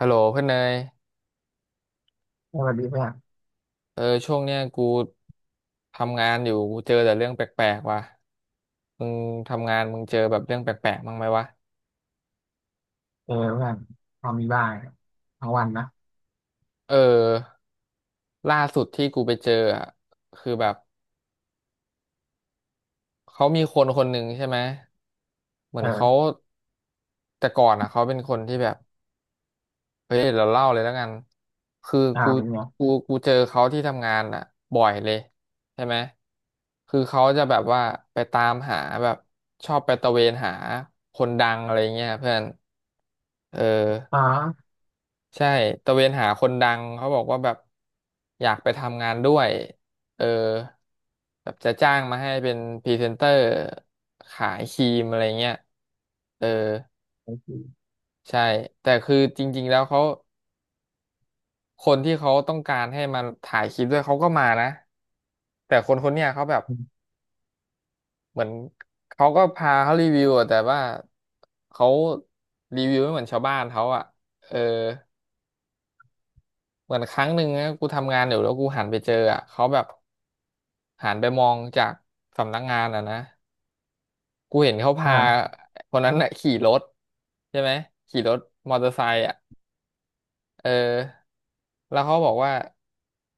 ฮัลโหลเพื่อนเนยสวัสดีเพื่อนเออช่วงเนี้ยกูทำงานอยู่กูเจอแต่เรื่องแปลกๆว่ะมึงทำงานมึงเจอแบบเรื่องแปลกๆบ้างไหมวะเออเพื่อนพอมีบ้างทั้งวันนะเออล่าสุดที่กูไปเจออะคือแบบเขามีคนคนหนึ่งใช่ไหมเหมือนเขาเออแต่ก่อนอ่ะเขาเป็นคนที่แบบ เฮ้ยเราเล่าเลยแล้วกันคืออ่ากูเป็นไงกูกูเจอเขาที่ทำงานอ่ะบ่อยเลยใช่ไหมคือเขาจะแบบว่าไปตามหาแบบชอบไปตะเวนหาคนดังอะไรเงี้ยเพื่อนเอออ๋อใช่ตะเวนหาคนดังเขาบอกว่าแบบอยากไปทำงานด้วยเออแบบจะจ้างมาให้เป็นพรีเซนเตอร์ขายครีมอะไรเงี้ยเออโอเคใช่แต่คือจริงๆแล้วเขา คนที่เขาต้องการให้มาถ่ายคลิปด้วยเขาก็มานะแต่คนคนเนี้ยเขาแบบอมเหมือนเขาก็พาเขารีวิวอะแต่ว่าเขารีวิวไม่เหมือนชาวบ้านเขาอะเออเหมือนครั้งหนึ่งนะกูทำงานอยู่แล้วกูหันไปเจออะเขาแบบหันไปมองจากสำนักงานอ่ะนะกูเห็นเขาพาอ่าคนนั้นน่ะขี่รถใช่ไหมขี่รถมอเตอร์ไซค์อะ เออแล้วเขาบอกว่า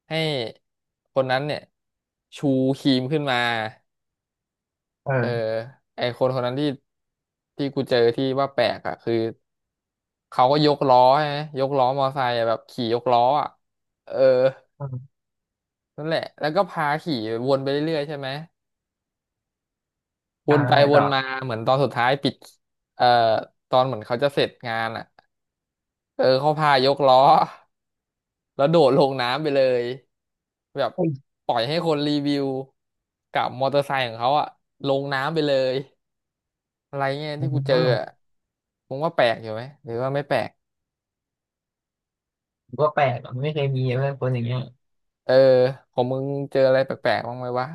ให้คนนั้นเนี่ยชูครีมขึ้นมาเอเอออไอคนคนนั้นที่กูเจอที่ว่าแปลกอ่ะคือเขาก็ยกล้อใช่ไหมยกล้อมอไซค์อะแบบขี่ยกล้ออ่ะเอออมนั่นแหละแล้วก็พาขี่วนไปเรื่อยๆใช่ไหมวอ่านแล้ไปวไงวต่นอมาเหมือนตอนสุดท้ายปิดเอ่อตอนเหมือนเขาจะเสร็จงานอ่ะเออเขาพายกล้อ แล้วโดดลงน้ำไปเลยแบบเฮ้ยปล่อยให้คนรีวิวกับมอเตอร์ไซค์ของเขาอะลงน้ำไปเลยอะไรเงี้ยอืที่กูเจออะมมึงว่าแปลกอยู่ไหมหรือว่าไม่แปลกกก็แปลกอะไม่เคยมีเพื่อนคนอย่างเงี้ยเออของมึงเจออะไรแปลกๆบ้างไหมวะ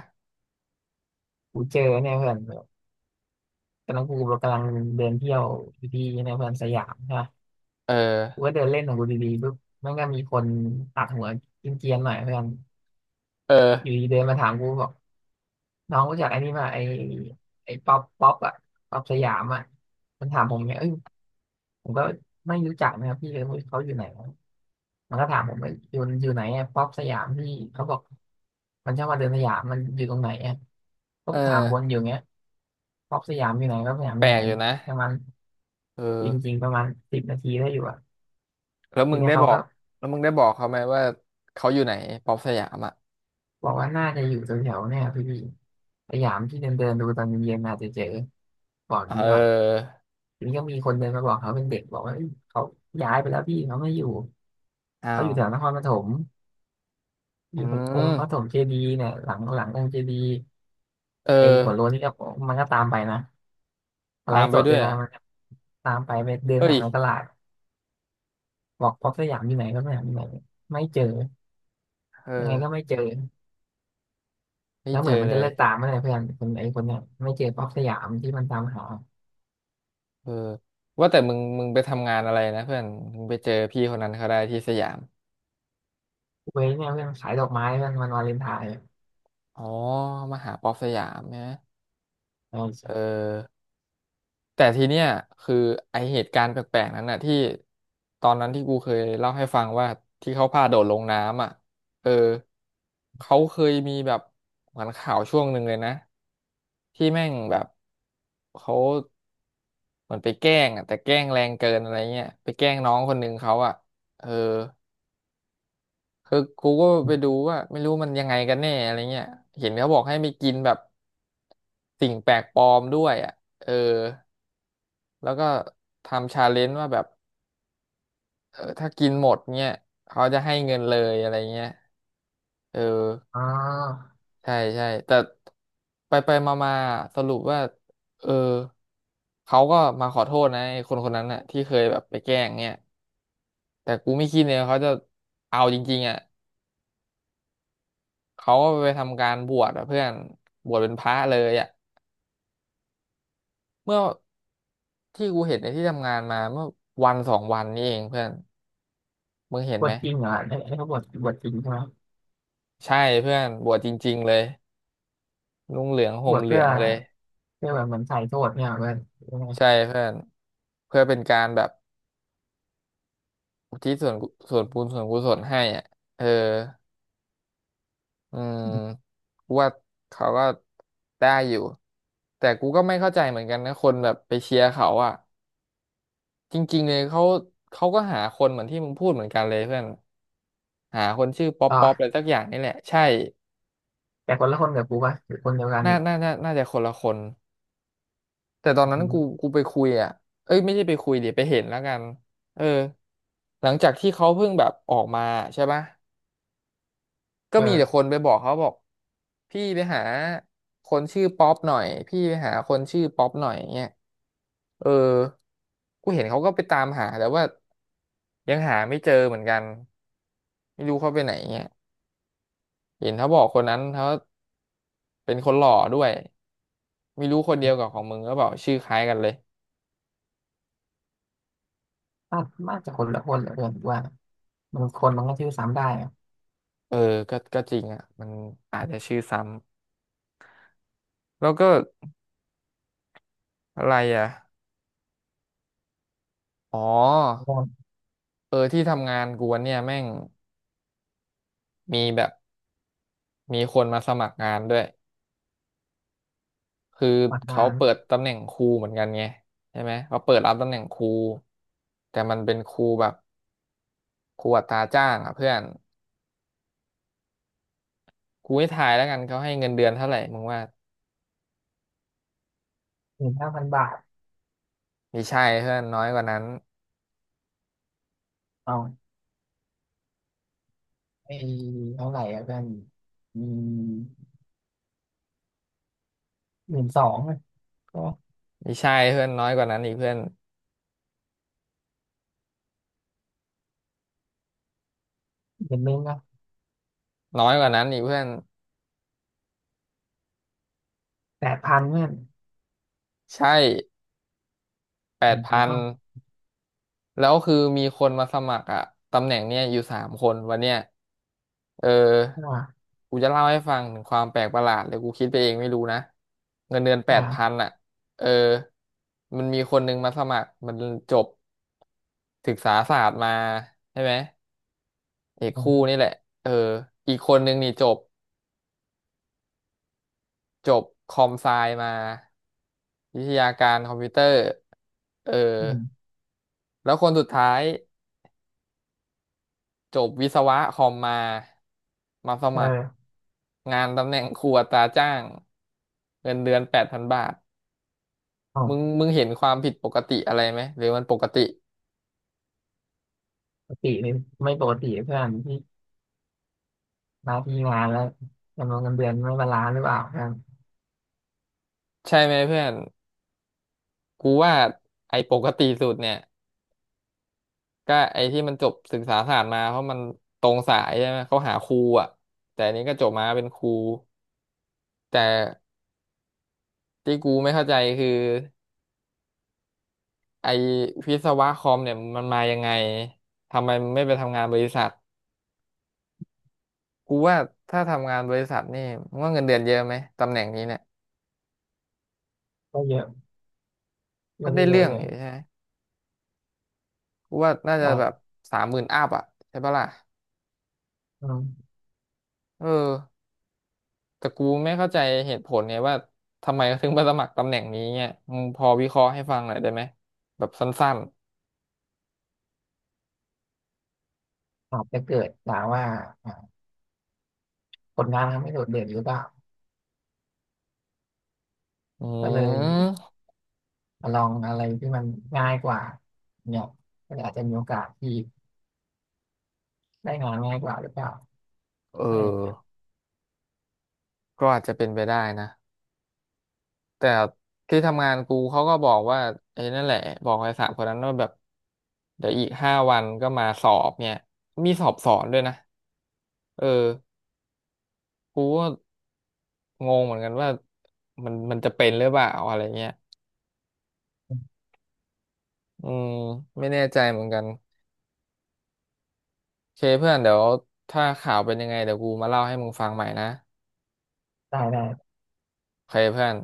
กูเจอเนี่ยเพื่อนแบบตอนนั้นกูกำลังเดินเที่ยวอยู่ที่เนี่ยเพื่อนสยามใช่ปะเออกูก็เดินเล่นของกูดีๆปุ๊บมันก็มีคนตัดหัวกินเกรียนๆหน่อยเพื่อนเอออยู่ดีเดินมาถามกูบอกน้องรู้จักไอ้นี่ป่ะไอ้ป๊อปอะป๊อปสยามอะมันถามผมไงเอ้ย ผมก็ไม่รู้จักนะครับพี่เลยไม่รู้เขาอยู่ไหนมันก็ถามผมว่าอยู่ไหนอะป๊อปสยามพี่เขาบอกมันชอบมาเดินสยามมันอยู่ตรงไหนอะก็เอถามวนออยู่เงี้ยป๊อปสยามอยู่ไหนป๊อปสยามแปอลยู่ไหนกอยู่นะประมาณเอจอริงๆประมาณ10 นาทีได้อยู่อะแล้วทีมึงเนี้ได้ยบเขาอก็กแล้วมึงได้บอกเขาไหมว่าเขาอยู่ไหนป๊อปสยามอ่ะบอกว่าน่าจะอยู่แถวๆเนี่ยครับพี่สยามที่เดินเดินดูตอนเย็นๆอาจจะเจอบอกเนี้ก่อนออทีนี้ก็มีคนเดินมาบอกเขาเป็นเด็กบอกว่าเอ้ยเขาย้ายไปแล้วพี่เขาไม่อยู่อ้าเขาอวยู่แถวนครปฐมออืยู่ตรงองค์มพระปฐมเจดีย์เนี่ยหลังองค์เจดีย์ เอไอ้อหัวโล้นนี่ก็มันก็ตามไปนะมาไลตามฟ์ไปสดด้ด้ววยยเหรนะอ่ะมันก็ตามไปไปเดินเอ้หายในตลาดบอกพ็อกสยามอยู่ไหนก็สยามอยู่ไหนไม่เจอเออยังไงก็ไม่เจอไม่แล้วเจเหอมือนมันเลจะย เลิกตามไม่ได้เพื่อนคนไอ้คนเนี้ยไม่เจอพ็อกสยามที่มันตามหาเออว่าแต่มึงไปทำงานอะไรนะเพื่อนมึงไปเจอพี่คนนั้นเขาได้ที่สยามเว้ยเนี่ยเพื่อนขายดอกไม้เพื่อนมันวาเลนไทน์อ๋อมหาป๊อปสยามใช่ไหมเออเอใช่อแต่ทีเนี้ยคือไอเหตุการณ์แปลกๆนั้นน่ะที่ตอนนั้นที่กูเคยเล่าให้ฟังว่าที่เขาพาโดดลงน้ำอ่ะเออเขาเคยมีแบบเหมือนข่าวช่วงหนึ่งเลยนะที่แม่งแบบเขาเหมือนไปแกล้งอ่ะแต่แกล้งแรงเกินอะไรเงี้ยไปแกล้งน้องคนหนึ่งเขาอ่ะเออ คือกูก็ไปดูว่าไม่รู้มันยังไงกันแน่อะไรเงี้ยเห็นเขาบอกให้ไปกินแบบสิ่งแปลกปลอมด้วยอ่ะเออแล้วก็ทำชาเลนจ์ว่าแบบเออถ้ากินหมดเงี้ยเขาจะให้เงินเลยอะไรเงี้ยเอออ๋อใช่ใช่แต่ไปไปมามาๆสรุปว่าเออเขาก็มาขอโทษนะไอ้คนคนนั้นน่ะที่เคยแบบไปแกล้งเงี้ยแต่กูไม่คิดเลยว่าเขาจะเอาจริงๆอ่ะเขาก็ไปทำการบวชอ่ะเพื่อนบวชเป็นพระเลยอ่ะ เมื่อที่กูเห็นในที่ทำงานมาเมื่อวันสองวันนี้เองเพื่อนมึงเห็นบวไหมชจริงเหรอไอ้ไอ้เขาบวชจริงใช่ไหมใช่เพื่อนบวชจริงๆเลยนุ่งเหลืองบห่มวชเหลืเพื่อองเลยเพื่อแบบเหมือนใส่โทษเนี่ยเพื่อนยังไงใช่เพื่อนเพื่อเป็นการแบบอุทิศส่วนกุส่วนบุญส่วนกุศลให้อ่ะเอออืมกูว่าเขาก็ได้อยู่แต่กูก็ไม่เข้าใจเหมือนกันนะคนแบบไปเชียร์เขาอ่ะจริงๆเลยเขาก็หาคนเหมือนที่มึงพูดเหมือนกันเลยเพื่อนหาคนชื่อป๊อปต่ป๊อปอะไรอสักอย่างนี่แหละใช่ แต่คนละคนกับกูป่ะหรือคนเดียวกันน่าอีกน่าน่าน่าจะคนละคนแต่ตอนนั้อืนกูมกูไปคุยอ่ะเอ้ยไม่ใช่ไปคุยเดิไปเห็นแล้วกันเออหลังจากที่เขาเพิ่งแบบออกมาใช่ปะก็เอมีแต่อคนไปบอกเขาบอกพี่ไปหาคนชื่อป๊อปหน่อยพี่ไปหาคนชื่อป๊อปหน่อยเงี้ยเออกูเห็นเขาก็ไปตามหาแต่ว่ายังหาไม่เจอเหมือนกันไม่รู้เขาไปไหนเงี้ยเห็นเขาบอกคนนั้นเขาเป็นคนหล่อด้วยไม่รู้คนเดียวกับของมึงก็บอกชื่อคล้ายกันเลย น่าน่าจะคนละคนแหละเพื่อนกูว่า บางคนมันก็ซื้อซ้ำได้อะเออก็ก็จริงอ่ะมันอาจจะชื่อซ้ำแล้วก็อะไรอ่ะอ๋อโดนเออที่ทำงานกูวันเนี่ยแม่งมีแบบมีคนมาสมัครงานด้วย คือหลักเขางานเปิดตำแหน่งครูเหมือนกันไงใช่ไหมเขาเปิดรับตำแหน่งครูแต่มันเป็นครูแบบครูอัตราจ้างอ่ะเพื่อนกูให้ทายแล้วกันเขาให้เงินเดือนเท่าไหร่มึงว่า15,000 บาทมีใช่เพื่อนน้อยกว่านั้นเอาไอ้เท่าไหร่อะเพื่อนอืม12,000ก็มีใช่เพื่อนน้อยกว่านั้นอีกเพื่อนเดือนนึงอะน้อยกว่านั้นอีกเพื่อน8,000เพื่อนใช่แปอืดพัน มแล้วคือมีคนมาสมัครอะตำแหน่งเนี้ยอยู่สามคนวันเนี้ยเออใช่ป่ะกูจะเล่าให้ฟังถึงความแปลกประหลาดเลยกูคิดไปเองไม่รู้นะ เงินเดือนแปอ่าดพันอะเออมันมีคนนึงมาสมัครมันจบศึกษาศาสตร์มาใช่ไหมเอกอืคู่มนี่แหละเอออีกคนนึงนี่จบคอมไซมาวิทยาการคอมพิวเตอร์เอออืมแล้วคนสุดท้าย จบวิศวะคอมมาสมัครเอองานตำแหน่งครอัตราจ้างเงินเดือนแปดพันบาทเอามึงเห็นความผิดปกติอะไรไหมหรือมันปกติปกตินี่ไม่ปกติเพื่อนที่มาที่งานแล้วจำนวนเงินเดือนไม่บาลานซ์หรือเปล่าเพื่อนใช่ไหมเพื่อนกูว่าไอ้ปกติสุดเนี่ยก็ไอ้ที่มันจบศึกษาศาสตร์มาเพราะมันตรงสายใช่ไหมเขาหาครูอ่ะแต่อันนี้ก็จบมาเป็นครูแต่ที่กูไม่เข้าใจคือไอ้วิศวะคอมเนี่ยมันมายังไงทำไมมันไม่ไปทำงานบริษัท กูว่าถ้าทำงานบริษัทนี่มึงว่าเงินเดือนเยอะไหมตำแหน่งนี้เนี่ยก็เยอะก็ก็ได้ได้เยเรื่อะองเลยอยู่ใช่ไหมกูว่าน่าจะแต่แบบสามหมื่นอัพอ่ะใช่ปะล่ะอืมเออแต่กูไม่เข้าใจเหตุผลเนี่ยว่าทำไมเขาถึงมาสมัครตำแหน่งนี้เนี่ยมึงพอวิเคราะห์ให้ฟังหน่อยได้ไหมแบบสั้นอาจจะเกิดจากว่าอ่าผลงานทำไม่โดดเด่นหรือเปล่าๆอืก็เลย มลองอะไรที่มันง่ายกว่าเนี่ยก็อาจจะมีโอกาสที่ได้งานง่ายกว่าหรือเปล่าเออะไรอย่างเงี้ยอก็อาจจะเป็นไปได้นะแต่ที่ทำงานกูเขาก็บอกว่าไอ้นั่นแหละบอกไอ้สามคนนั้นว่าแบบเดี๋ยวอีกห้าวันก็มาสอบเนี่ยมีสอบสอนด้วยนะเออ กูก็งงเหมือนกันว่ามันจะเป็นหรือเปล่าอะไรเงี้ย อืมไม่แน่ใจเหมือนกันโอเคเพื่อนเดี๋ยวถ้าข่าวเป็นยังไงเดี๋ยวกูมาเล่าให้มึงฟังใหม่นะได้ได้โอเคเพื่อน